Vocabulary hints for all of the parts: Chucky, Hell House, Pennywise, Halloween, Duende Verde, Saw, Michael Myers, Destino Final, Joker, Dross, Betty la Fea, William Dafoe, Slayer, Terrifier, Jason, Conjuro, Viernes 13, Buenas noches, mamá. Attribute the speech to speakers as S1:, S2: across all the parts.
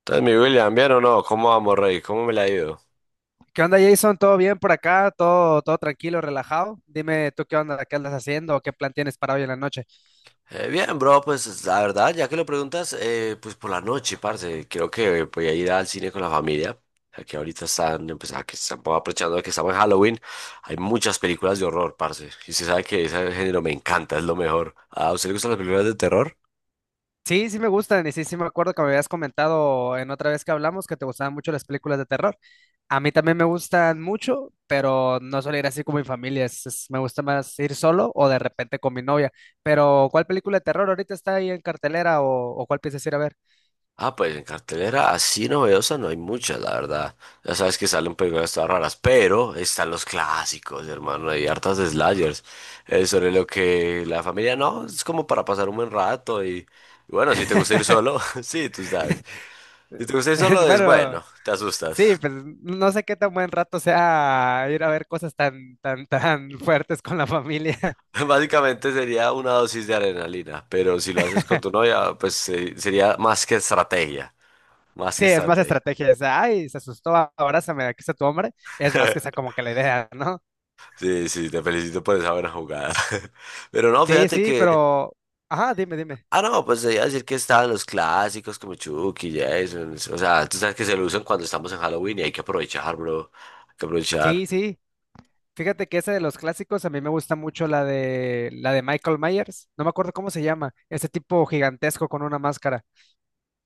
S1: Entonces, mi William, ¿bien o no? ¿Cómo vamos, Rey? ¿Cómo me la ha ido?
S2: ¿Qué onda, Jason? ¿Todo bien por acá? ¿Todo, todo tranquilo, relajado? Dime tú qué onda, qué andas haciendo, o qué plan tienes para hoy en la noche.
S1: Bien, bro, pues la verdad, ya que lo preguntas, pues por la noche, parce, creo que voy a ir al cine con la familia. Aquí ahorita están, pues, que están aprovechando de que estamos en Halloween. Hay muchas películas de horror, parce. Y se sabe que ese género me encanta, es lo mejor. ¿A usted le gustan las películas de terror?
S2: Sí, sí me gustan y sí, sí me acuerdo que me habías comentado en otra vez que hablamos que te gustaban mucho las películas de terror. A mí también me gustan mucho, pero no suelo ir así con mi familia. Me gusta más ir solo o de repente con mi novia. Pero, ¿cuál película de terror ahorita está ahí en cartelera o cuál piensas ir a ver?
S1: Ah, pues en cartelera así novedosa no hay muchas, la verdad. Ya sabes que salen películas todas raras, pero están los clásicos, hermano. Hay hartas de slashers. Sobre lo que la familia no, es como para pasar un buen rato. Y bueno, si te gusta ir solo, sí, tú sabes. Si te gusta ir solo, es
S2: Bueno.
S1: bueno, te
S2: Sí,
S1: asustas.
S2: pues no sé qué tan buen rato sea ir a ver cosas tan, tan, tan fuertes con la familia.
S1: Básicamente sería una dosis de adrenalina, pero si lo haces con tu novia, pues sería más que estrategia. Más que
S2: Sí, es más
S1: estrategia.
S2: estrategia, es, ay, se asustó, abrázame, aquí está tu hombre. Es más que esa como que la idea, ¿no?
S1: Sí, sí, te felicito por esa buena jugada. Pero no,
S2: Sí,
S1: fíjate
S2: sí,
S1: que
S2: pero, ajá, dime, dime.
S1: ah, no, pues te iba a decir que estaban los clásicos como Chucky, Jason. O sea, tú sabes que se lo usan cuando estamos en Halloween y hay que aprovechar, bro. Hay que aprovechar.
S2: Sí, sí, fíjate que esa de los clásicos, a mí me gusta mucho la de Michael Myers, no me acuerdo cómo se llama, ese tipo gigantesco con una máscara.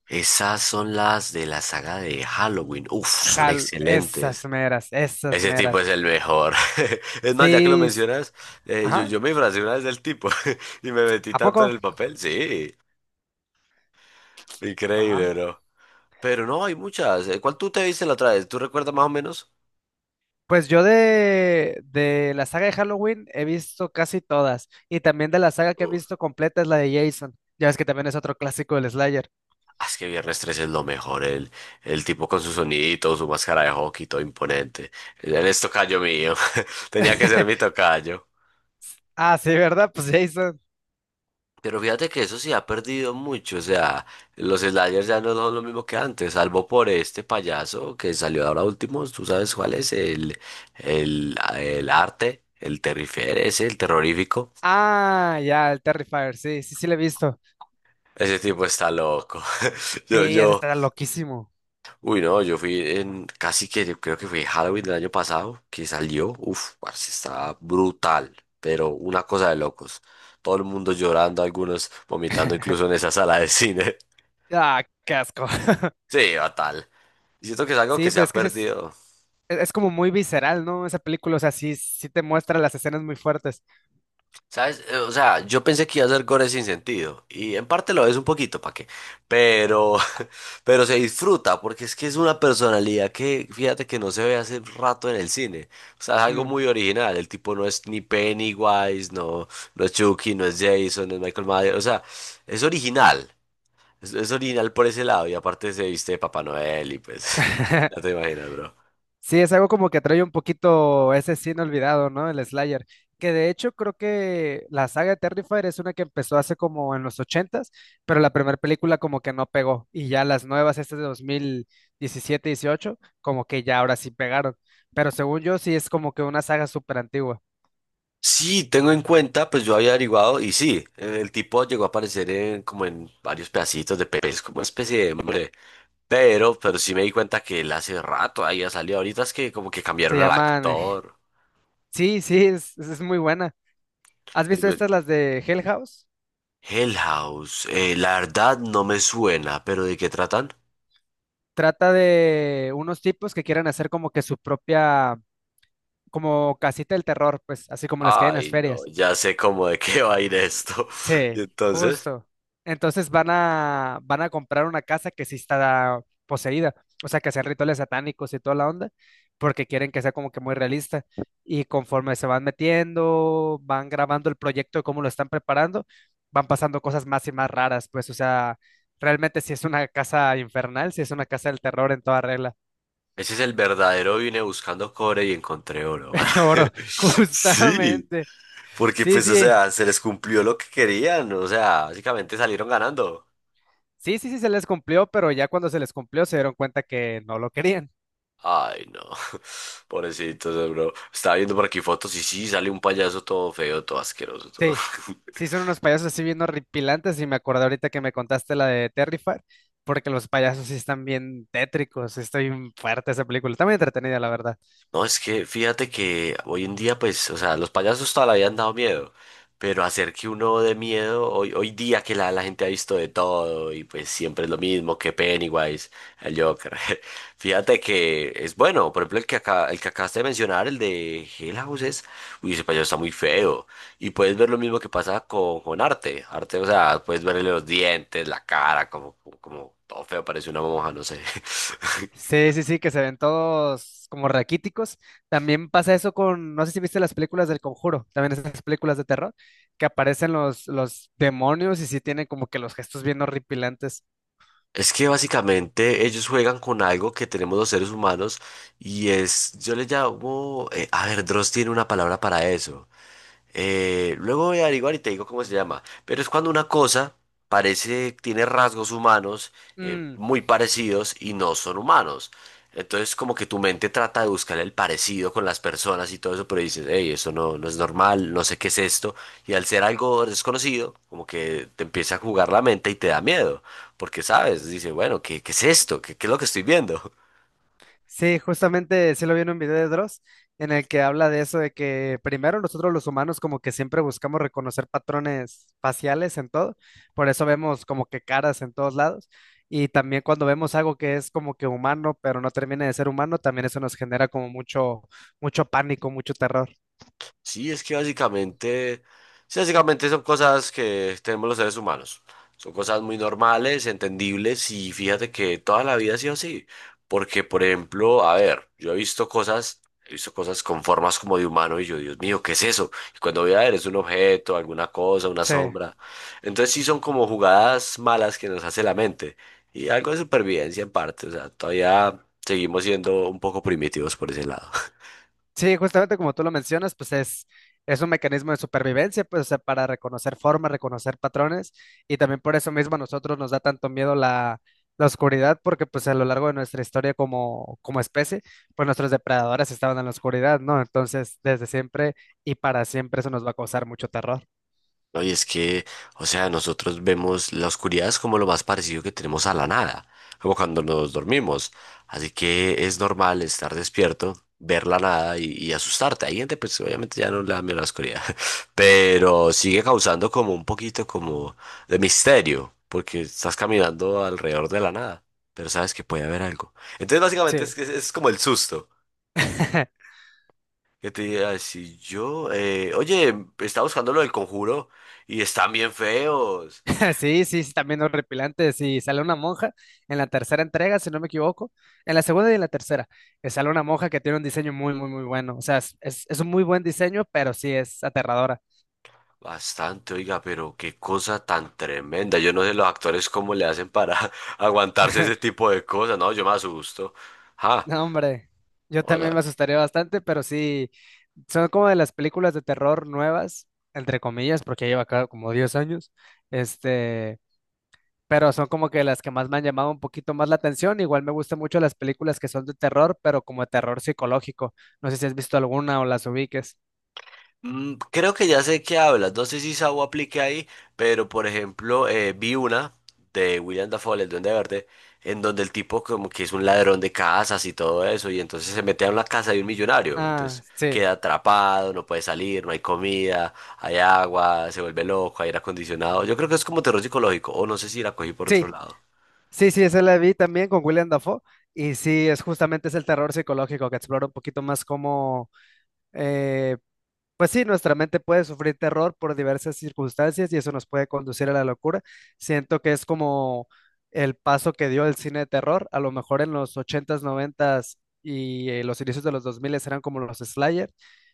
S1: Esas son las de la saga de Halloween. Uf, son
S2: Hal, esas
S1: excelentes.
S2: meras, esas
S1: Ese tipo es
S2: meras.
S1: el mejor. Es más, ya que lo
S2: Sí,
S1: mencionas, eh, yo,
S2: ajá,
S1: yo me disfracé una vez del tipo y me metí
S2: ¿a
S1: tanto en
S2: poco?
S1: el papel. Sí, increíble, bro. Pero no, hay muchas. ¿Cuál tú te viste la otra vez? ¿Tú recuerdas más o menos?
S2: Pues yo de la saga de Halloween he visto casi todas. Y también de la saga que he
S1: Uf.
S2: visto completa es la de Jason. Ya ves que también es otro clásico del Slayer.
S1: Ah, es que Viernes 13 es lo mejor, el tipo con su sonidito, su máscara de hockey, todo imponente. Él es tocayo mío, tenía que ser mi tocayo.
S2: Ah, sí, ¿verdad? Pues Jason.
S1: Pero fíjate que eso sí ha perdido mucho, o sea, los sliders ya no son lo mismo que antes, salvo por este payaso que salió ahora último, tú sabes cuál es, el, el arte, el terrifer ese, el terrorífico.
S2: Ah, ya, el Terrifier, sí, sí, sí lo he visto.
S1: Ese tipo está loco. Yo,
S2: Sí, ese
S1: yo,
S2: está loquísimo.
S1: Uy, no, yo fui en casi que yo creo que fue Halloween del año pasado que salió. Uf, parce, estaba brutal, pero una cosa de locos. Todo el mundo llorando, algunos vomitando incluso en esa sala de cine.
S2: Ah, qué asco.
S1: Sí, fatal. Y siento que es algo que
S2: Sí,
S1: se
S2: pero
S1: ha
S2: es que sí
S1: perdido.
S2: es como muy visceral, ¿no? Esa película, o sea, sí, sí te muestra las escenas muy fuertes.
S1: ¿Sabes? O sea, yo pensé que iba a ser gore sin sentido. Y en parte lo es un poquito, ¿para qué? Pero, pero se disfruta, porque es que es una personalidad que, fíjate que no se ve hace rato en el cine. O sea, es algo
S2: Mm.
S1: muy original. El tipo no es ni Pennywise, no, no es Chucky, no es Jason, no es Michael Myers. O sea, es original. Es original por ese lado. Y aparte se viste de Papá Noel y pues, ya te imaginas, bro.
S2: Sí, es algo como que trae un poquito ese sin olvidado, ¿no? El Slayer. Que de hecho creo que la saga de Terrifier es una que empezó hace como en los ochentas, pero la primera película como que no pegó. Y ya las nuevas, estas de 2017, dieciocho, como que ya ahora sí pegaron. Pero según yo sí es como que una saga súper antigua.
S1: Sí, tengo en cuenta, pues yo había averiguado y sí, el tipo llegó a aparecer en, como en varios pedacitos de pepes, como una especie de hombre, pero sí me di cuenta que él hace rato había salido, ahorita es que como que
S2: Se
S1: cambiaron al
S2: llaman... eh,
S1: actor.
S2: Sí, sí, es muy buena. ¿Has
S1: Eh,
S2: visto
S1: bueno,
S2: estas, las de Hell House?
S1: Hell House, la verdad no me suena, pero ¿de qué tratan?
S2: Trata de unos tipos que quieren hacer como que su propia como casita del terror, pues, así como las que hay en las
S1: Ay, no,
S2: ferias.
S1: ya sé cómo de qué va a ir esto. Y
S2: Sí,
S1: entonces,
S2: justo. Entonces van a comprar una casa que sí está poseída, o sea, que hacen rituales satánicos y toda la onda, porque quieren que sea como que muy realista. Y conforme se van metiendo, van grabando el proyecto de cómo lo están preparando, van pasando cosas más y más raras, pues, o sea, realmente si es una casa infernal, si es una casa del terror en toda regla.
S1: ese es el verdadero, vine buscando cobre y encontré oro.
S2: Oro,
S1: Sí.
S2: justamente.
S1: Porque
S2: Sí,
S1: pues, o
S2: sí,
S1: sea, se les cumplió lo que querían, o sea, básicamente salieron ganando.
S2: sí, sí, sí, se les cumplió, pero ya cuando se les cumplió se dieron cuenta que no lo querían.
S1: Ay, no, pobrecitos, bro. Estaba viendo por aquí fotos y sí, sale un payaso todo feo, todo asqueroso, todo.
S2: Sí, sí, son unos payasos así bien horripilantes y me acordé ahorita que me contaste la de Terrifier, porque los payasos sí están bien tétricos, sí está bien fuerte esa película, está muy entretenida, la verdad.
S1: No, es que fíjate que hoy en día, pues, o sea, los payasos toda la vida han dado miedo, pero hacer que uno de miedo, hoy, hoy día que la gente ha visto de todo y pues siempre es lo mismo que Pennywise, el Joker. Fíjate que es bueno, por ejemplo, el que acá, el que acabaste de mencionar, el de Hell House, uy, ese payaso está muy feo. Y puedes ver lo mismo que pasa con arte. Arte, o sea, puedes verle los dientes, la cara, como todo feo, parece una monja, no sé.
S2: Sí, sí, sí, que se ven todos como raquíticos. También pasa eso con, no sé si viste las películas del Conjuro, también esas películas de terror, que aparecen los demonios y sí tienen como que los gestos bien horripilantes.
S1: Es que básicamente ellos juegan con algo que tenemos los seres humanos y es, yo le llamo, a ver, Dross tiene una palabra para eso. Luego voy a averiguar y te digo cómo se llama. Pero es cuando una cosa parece, tiene rasgos humanos
S2: Mm.
S1: muy parecidos y no son humanos. Entonces como que tu mente trata de buscar el parecido con las personas y todo eso, pero dices, hey, eso no, no es normal, no sé qué es esto. Y al ser algo desconocido, como que te empieza a jugar la mente y te da miedo, porque sabes, dice, bueno, ¿qué, qué es esto? ¿Qué, qué es lo que estoy viendo?
S2: Sí, justamente sí lo vi en un video de Dross en el que habla de eso, de que primero nosotros los humanos como que siempre buscamos reconocer patrones faciales en todo, por eso vemos como que caras en todos lados y también cuando vemos algo que es como que humano, pero no termina de ser humano, también eso nos genera como mucho, mucho pánico, mucho terror.
S1: Sí, es que básicamente, sí, básicamente son cosas que tenemos los seres humanos. Son cosas muy normales, entendibles y fíjate que toda la vida ha sido así. Porque, por ejemplo, a ver, yo he visto cosas con formas como de humano y yo, Dios mío, ¿qué es eso? Y cuando voy a ver, es un objeto, alguna cosa, una
S2: Sí.
S1: sombra. Entonces sí son como jugadas malas que nos hace la mente. Y algo de supervivencia en parte, o sea, todavía seguimos siendo un poco primitivos por ese lado.
S2: Sí, justamente como tú lo mencionas, pues es un mecanismo de supervivencia, pues, o sea, para reconocer formas, reconocer patrones, y también por eso mismo a nosotros nos da tanto miedo la oscuridad, porque pues a lo largo de nuestra historia como especie, pues nuestros depredadores estaban en la oscuridad, ¿no? Entonces, desde siempre y para siempre eso nos va a causar mucho terror.
S1: No, y es que, o sea, nosotros vemos la oscuridad es como lo más parecido que tenemos a la nada, como cuando nos dormimos. Así que es normal estar despierto, ver la nada y, y asustarte. Hay gente, pues obviamente ya no le da miedo a la oscuridad, pero sigue causando como un poquito como de misterio, porque estás caminando alrededor de la nada, pero sabes que puede haber algo. Entonces, básicamente es,
S2: Sí.
S1: que es como el susto. Que te diga, si yo, oye, estaba buscando lo del conjuro y están bien feos.
S2: Sí, sí, sí, también horripilante. Sí, sale una monja en la tercera entrega, si no me equivoco. En la segunda y en la tercera. Sale una monja que tiene un diseño muy, muy, muy bueno. O sea, es, es un muy buen diseño, pero sí es aterradora.
S1: Bastante, oiga, pero qué cosa tan tremenda. Yo no sé los actores cómo le hacen para aguantarse ese tipo de cosas. No, yo me asusto. Ja,
S2: No, hombre, yo
S1: o
S2: también me
S1: sea,
S2: asustaría bastante, pero sí, son como de las películas de terror nuevas, entre comillas, porque ya lleva acá como 10 años. Este. Pero son como que las que más me han llamado un poquito más la atención. Igual me gustan mucho las películas que son de terror, pero como de terror psicológico. No sé si has visto alguna o las ubiques.
S1: mm, creo que ya sé qué hablas, no sé si Saw aplique ahí, pero por ejemplo vi una de William Dafoe, el Duende Verde, en donde el tipo como que es un ladrón de casas y todo eso, y entonces se mete a una casa de un millonario,
S2: Ah,
S1: entonces
S2: sí,
S1: queda atrapado, no puede salir, no hay comida, hay agua, se vuelve loco, hay aire acondicionado, yo creo que es como terror psicológico, o no sé si la cogí por otro
S2: sí,
S1: lado.
S2: sí, sí, esa la vi también con William Dafoe. Y sí, es justamente es el terror psicológico que explora un poquito más cómo. Pues sí, nuestra mente puede sufrir terror por diversas circunstancias y eso nos puede conducir a la locura. Siento que es como el paso que dio el cine de terror. A lo mejor en los ochentas, noventas y los inicios de los 2000 eran como los Slayer.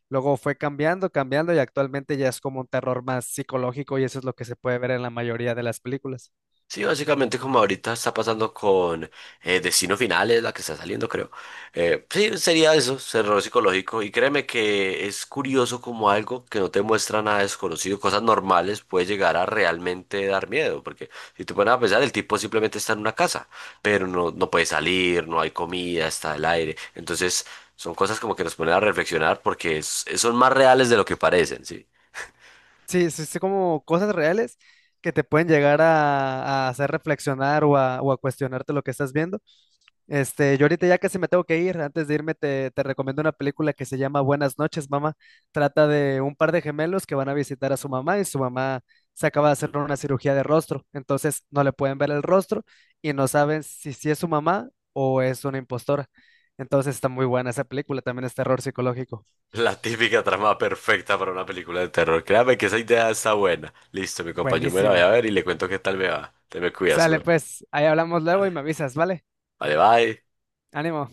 S2: Luego fue cambiando, cambiando y actualmente ya es como un terror más psicológico y eso es lo que se puede ver en la mayoría de las películas.
S1: Sí, básicamente como ahorita está pasando con Destino Final, es la que está saliendo, creo. Sí, sería eso, terror psicológico. Y créeme que es curioso como algo que no te muestra nada desconocido, cosas normales, puede llegar a realmente dar miedo. Porque si te pones a pensar, el tipo simplemente está en una casa, pero no, no puede salir, no hay comida, está el aire. Entonces, son cosas como que nos ponen a reflexionar porque son más reales de lo que parecen, ¿sí?
S2: Sí, sí, sí, como cosas reales que te pueden llegar a hacer reflexionar o a cuestionarte lo que estás viendo. Yo ahorita ya casi me tengo que ir. Antes de irme, te recomiendo una película que se llama Buenas noches, mamá. Trata de un par de gemelos que van a visitar a su mamá y su mamá se acaba de hacer una cirugía de rostro. Entonces no le pueden ver el rostro y no saben si, si es su mamá o es una impostora. Entonces está muy buena esa película, también es terror psicológico.
S1: La típica trama perfecta para una película de terror. Créame que esa idea está buena. Listo, mi compa, yo me la voy
S2: Buenísima.
S1: a ver y le cuento qué tal me va. Te me cuidas,
S2: Sale
S1: bro.
S2: pues, ahí hablamos luego
S1: Vale,
S2: y me avisas, ¿vale?
S1: vale, bye.
S2: Ánimo.